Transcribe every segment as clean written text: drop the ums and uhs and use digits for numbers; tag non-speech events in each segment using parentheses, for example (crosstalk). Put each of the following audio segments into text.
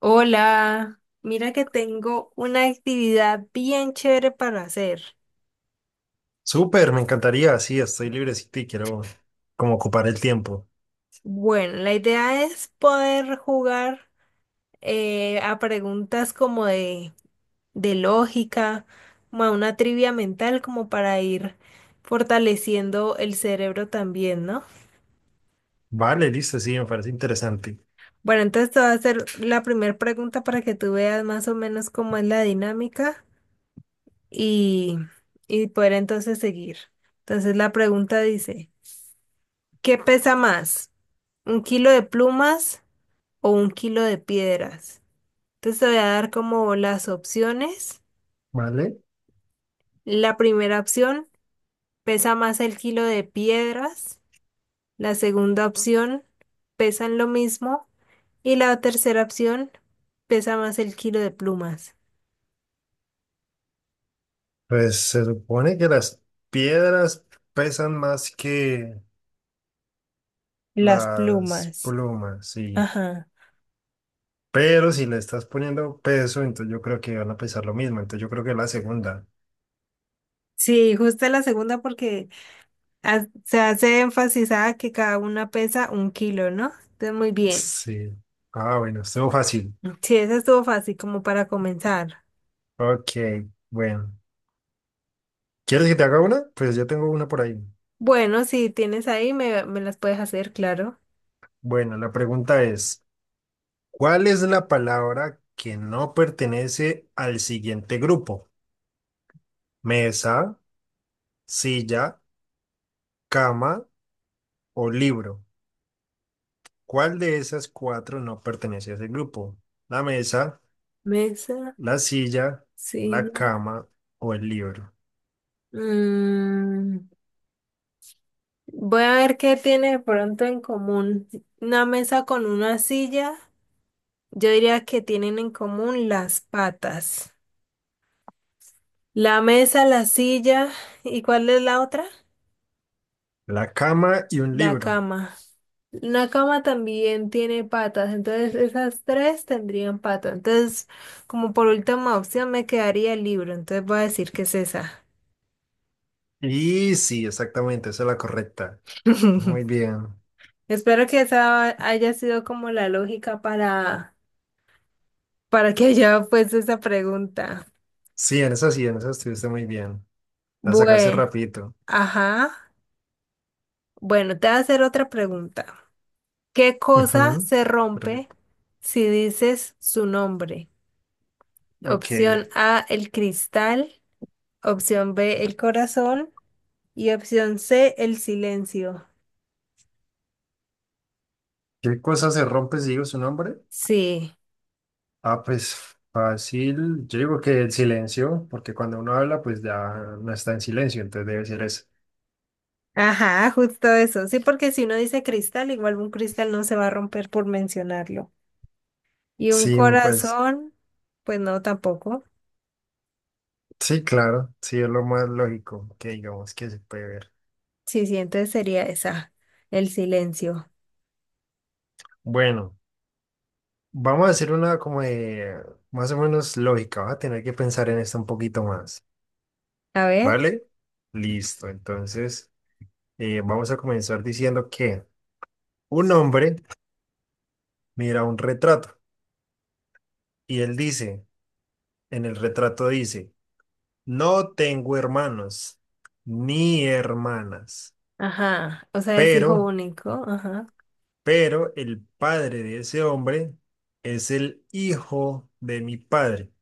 Hola, mira que tengo una actividad bien chévere para hacer. Súper, me encantaría, sí, estoy librecito y quiero como ocupar el tiempo. Bueno, la idea es poder jugar a preguntas como de lógica, como a una trivia mental, como para ir fortaleciendo el cerebro también, ¿no? Vale, listo, sí, me parece interesante. Bueno, entonces te voy a hacer la primera pregunta para que tú veas más o menos cómo es la dinámica y, y poder entonces seguir. Entonces la pregunta dice, ¿qué pesa más? ¿Un kilo de plumas o un kilo de piedras? Entonces te voy a dar como las opciones. Vale, La primera opción, pesa más el kilo de piedras. La segunda opción, pesan lo mismo. Y la tercera opción, pesa más el kilo de plumas. pues se supone que las piedras pesan más que Las las plumas. plumas, sí. Ajá. Pero si le estás poniendo peso, entonces yo creo que van a pesar lo mismo, entonces yo creo que la segunda. Sí, justo la segunda porque se hace énfasis a que cada una pesa un kilo, ¿no? Entonces, muy bien. Sí. Ah, bueno, estuvo fácil. Sí, esa estuvo fácil como para comenzar. Ok, bueno. ¿Quieres que te haga una? Pues yo tengo una por ahí. Bueno, si tienes ahí, me las puedes hacer, claro. Bueno, la pregunta es... ¿Cuál es la palabra que no pertenece al siguiente grupo? Mesa, silla, cama o libro. ¿Cuál de esas cuatro no pertenece a ese grupo? La mesa, Mesa, la silla, la silla. cama o el libro. Mm, voy a ver qué tiene de pronto en común. Una mesa con una silla, yo diría que tienen en común las patas. La mesa, la silla, ¿y cuál es la otra? La cama y un La libro. cama. Una cama también tiene patas, entonces esas tres tendrían patas. Entonces, como por última opción, me quedaría el libro, entonces voy a decir que es esa. Y sí, exactamente, esa es la correcta. Muy (laughs) bien. Espero que esa haya sido como la lógica para que haya puesto esa pregunta. Sí, en esa estuviste muy bien. La sacaste Bueno, rapidito. ajá. Bueno, te voy a hacer otra pregunta. ¿Qué cosa Ujú. se rompe Perfecto. si dices su nombre? Ok. Opción A, el cristal. Opción B, el corazón. Y opción C, el silencio. ¿Qué cosa se rompe si digo su nombre? Sí. Ah, pues fácil. Yo digo que el silencio, porque cuando uno habla, pues ya no está en silencio, entonces debe ser eso. Ajá, justo eso. Sí, porque si uno dice cristal, igual un cristal no se va a romper por mencionarlo. Y un Sí, pues corazón, pues no, tampoco. sí, claro, sí es lo más lógico que digamos que se puede ver. Sí, sí, entonces sería esa, el silencio. Bueno, vamos a hacer una como de más o menos lógica, vas a tener que pensar en esto un poquito más, A ver, ¿vale? Listo, entonces vamos a comenzar diciendo que un hombre mira un retrato y él dice, en el retrato dice, no tengo hermanos ni hermanas, ajá, o sea, es hijo pero, único, ajá. pero el padre de ese hombre es el hijo de mi padre.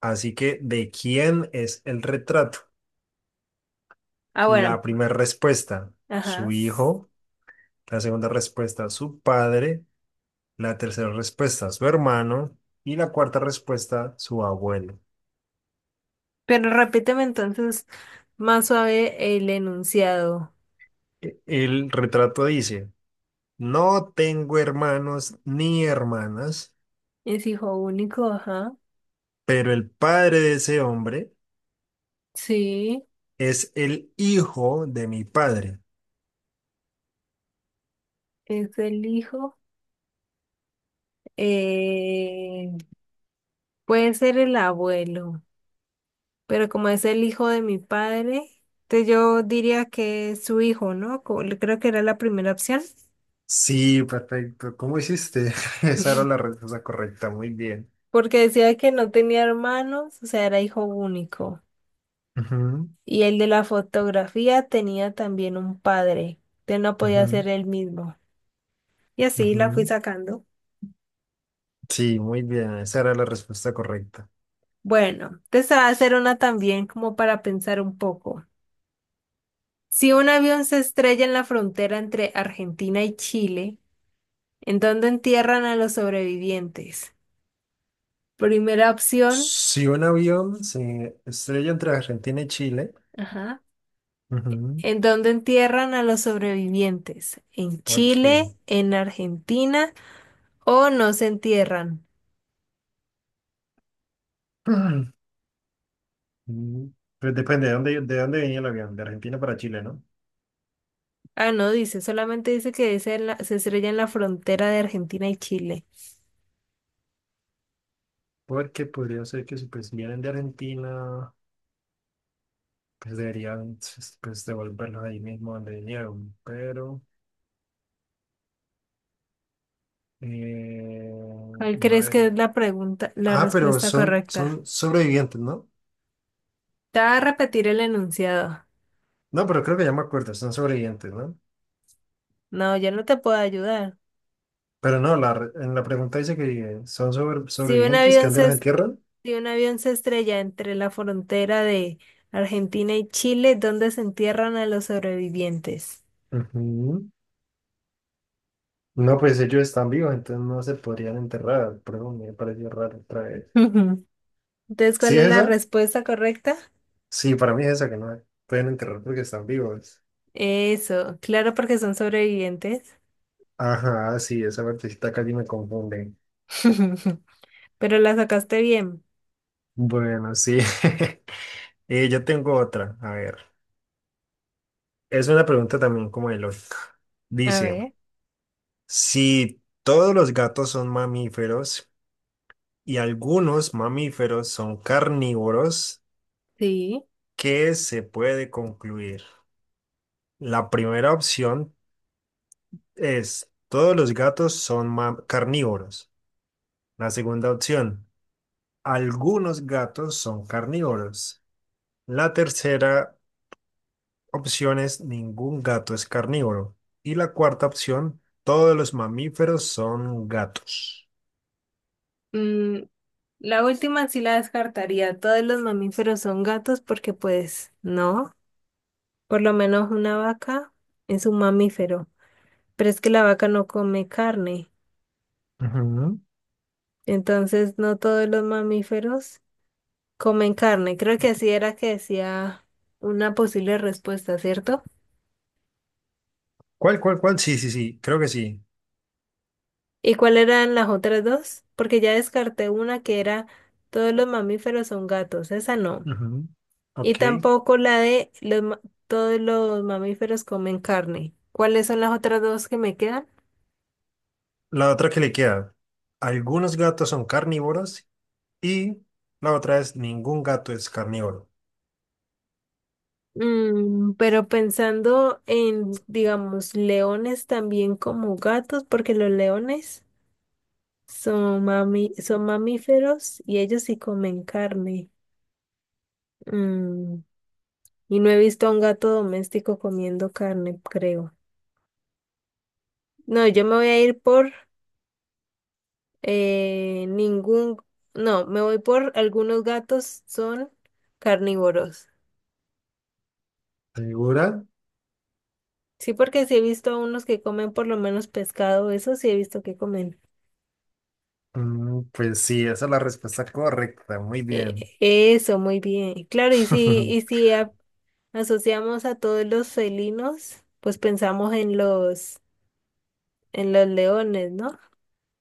Así que, ¿de quién es el retrato? Ah, bueno, La primera respuesta, ajá. su hijo. La segunda respuesta, su padre. La tercera respuesta, su hermano. Y la cuarta respuesta, su abuelo. Pero repíteme entonces más suave el enunciado. El retrato dice, no tengo hermanos ni hermanas. Es hijo único, ajá. Pero el padre de ese hombre Sí, es el hijo de mi padre. es el hijo. Eh, puede ser el abuelo. Pero como es el hijo de mi padre, entonces yo diría que es su hijo, ¿no? Creo que era la primera opción, Sí, perfecto. ¿Cómo hiciste? (laughs) Esa era la (laughs) respuesta correcta. Muy bien. porque decía que no tenía hermanos, o sea, era hijo único. Ujú, Y el de la fotografía tenía también un padre, entonces no podía ujú, ser él mismo. Y así la fui ujú. sacando. Sí, muy bien. Esa era la respuesta correcta. Bueno, te va a hacer una también como para pensar un poco. Si un avión se estrella en la frontera entre Argentina y Chile, ¿en dónde entierran a los sobrevivientes? Primera opción, Si un avión se estrella entre Argentina y Chile. ajá. Ujú. ¿En dónde entierran a los sobrevivientes? ¿En Chile, Ok. en Argentina o no se entierran? (clears throat) Mm, pues depende de dónde venía el avión. De Argentina para Chile, ¿no? Ah, no dice, solamente dice que es en se estrella en la frontera de Argentina y Chile. Porque podría ser que si pues si vienen de Argentina, pues deberían pues, devolverlos ahí mismo donde vinieron, pero eh, ¿Cuál no crees que es debería. la pregunta, la Ah, pero respuesta son, correcta? son sobrevivientes, ¿no? Te va a repetir el enunciado. No, pero creo que ya me acuerdo, son sobrevivientes, ¿no? No, ya no te puedo ayudar. Pero no, la, en la pregunta dice que son Si un sobrevivientes, que avión dónde se, los es- entierran. Si un avión se estrella entre la frontera de Argentina y Chile, ¿dónde se entierran a los sobrevivientes? Ujú. No, pues ellos están vivos, entonces no se podrían enterrar, pero me pareció raro otra vez. (laughs) Entonces, ¿Sí ¿cuál es es la esa? respuesta correcta? Sí, para mí es esa que no pueden enterrar porque están vivos. Eso, claro, porque son sobrevivientes. Ajá, sí, esa partecita casi me confunde. (laughs) Pero la sacaste bien. Bueno, sí. (laughs) Yo tengo otra. A ver, es una pregunta también como de lógica. A Dice, ver, si todos los gatos son mamíferos y algunos mamíferos son carnívoros, sí. ¿qué se puede concluir? La primera opción es, todos los gatos son carnívoros. La segunda opción, algunos gatos son carnívoros. La tercera opción es ningún gato es carnívoro. Y la cuarta opción, todos los mamíferos son gatos. Mm, la última sí la descartaría. Todos los mamíferos son gatos porque pues no. Por lo menos una vaca es un mamífero. Pero es que la vaca no come carne. Ujú. Entonces, no todos los mamíferos comen carne. Creo que así era que decía una posible respuesta, ¿cierto? ¿Cuál? Sí, sí, sí, creo que sí. ¿Y cuáles eran las otras dos? Porque ya descarté una que era todos los mamíferos son gatos, esa no. Ujú. Y Ok. tampoco la de todos los mamíferos comen carne. ¿Cuáles son las otras dos que me quedan? La otra que le queda, algunos gatos son carnívoros y la otra es ningún gato es carnívoro. Mm, pero pensando en, digamos, leones también como gatos, porque los leones son mamíferos y ellos sí comen carne. Mm, y no he visto a un gato doméstico comiendo carne, creo. No, yo me voy a ir por eh, ningún, no, me voy por algunos gatos son carnívoros. ¿Segura? Sí, porque sí he visto a unos que comen por lo menos pescado, eso sí he visto que comen. Mm, pues sí, esa es la respuesta correcta. Muy Eh, bien. eso, muy bien. Claro, y (laughs) si asociamos a todos los felinos, pues pensamos en en los leones, ¿no?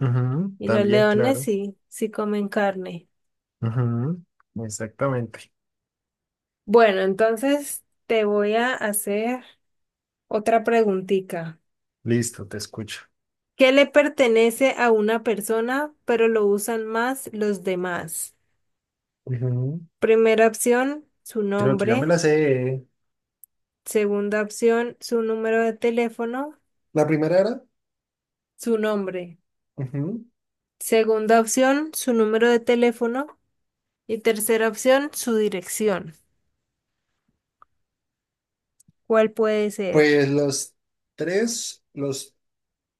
Ujú. Y los También, leones claro. sí, sí comen carne. Ujú. Exactamente. Bueno, entonces te voy a hacer otra preguntita. Listo, te escucho. Que le pertenece a una persona, pero lo usan más los demás. Ujú. Primera opción, su Creo que ya me nombre. la sé. Segunda opción, su número de teléfono, La primera era, su nombre. ujú, Segunda opción, su número de teléfono. Y tercera opción, su dirección. ¿Cuál puede ser? pues los tres los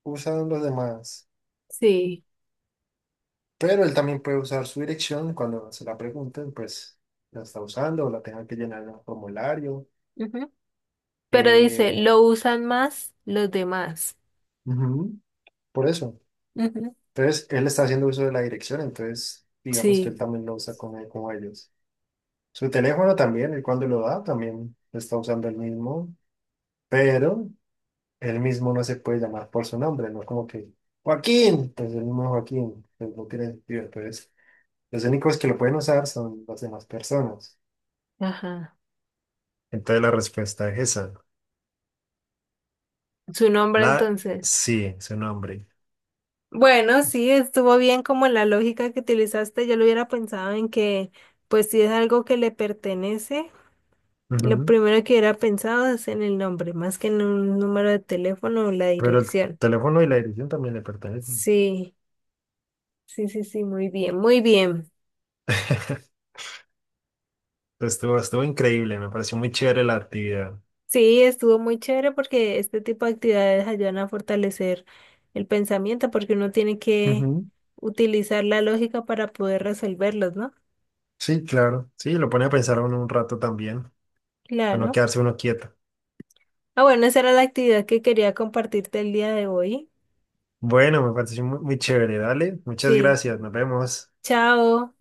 usan los demás, Sí. pero él también puede usar su dirección cuando se la pregunten, pues la está usando o la tenga que llenar en un formulario. Ujú. Pero dice, eh, lo usan más los demás. ujú, por eso. Ujú. Entonces, él está haciendo uso de la dirección, entonces digamos que él Sí. también lo usa como, como ellos. Su teléfono también, él cuando lo da, también está usando el mismo, pero él mismo no se puede llamar por su nombre, ¿no? Como que Joaquín, entonces el mismo Joaquín, pues no tiene sentido. Entonces, los únicos que lo pueden usar son las demás personas. Ajá. Entonces la respuesta es esa. Su nombre La entonces. sí, su nombre. Bueno, sí, estuvo bien como la lógica que utilizaste. Yo lo hubiera pensado en que, pues si es algo que le pertenece, lo Ujú. primero que hubiera pensado es en el nombre, más que en un número de teléfono o la Pero el dirección. teléfono y la dirección también le pertenecen. Sí, sí, sí, sí, muy bien, muy bien. (laughs) Estuvo increíble, me pareció muy chévere la actividad. Sí, estuvo muy chévere porque este tipo de actividades ayudan a fortalecer el pensamiento porque uno tiene que Ujú. utilizar la lógica para poder resolverlos, ¿no? Sí, claro. Sí, lo pone a pensar a uno un rato también, a no Claro. quedarse uno quieto. Ah, bueno, esa era la actividad que quería compartirte el día de hoy. Bueno, me pareció muy chévere, dale. Muchas Sí, gracias, nos vemos. chao.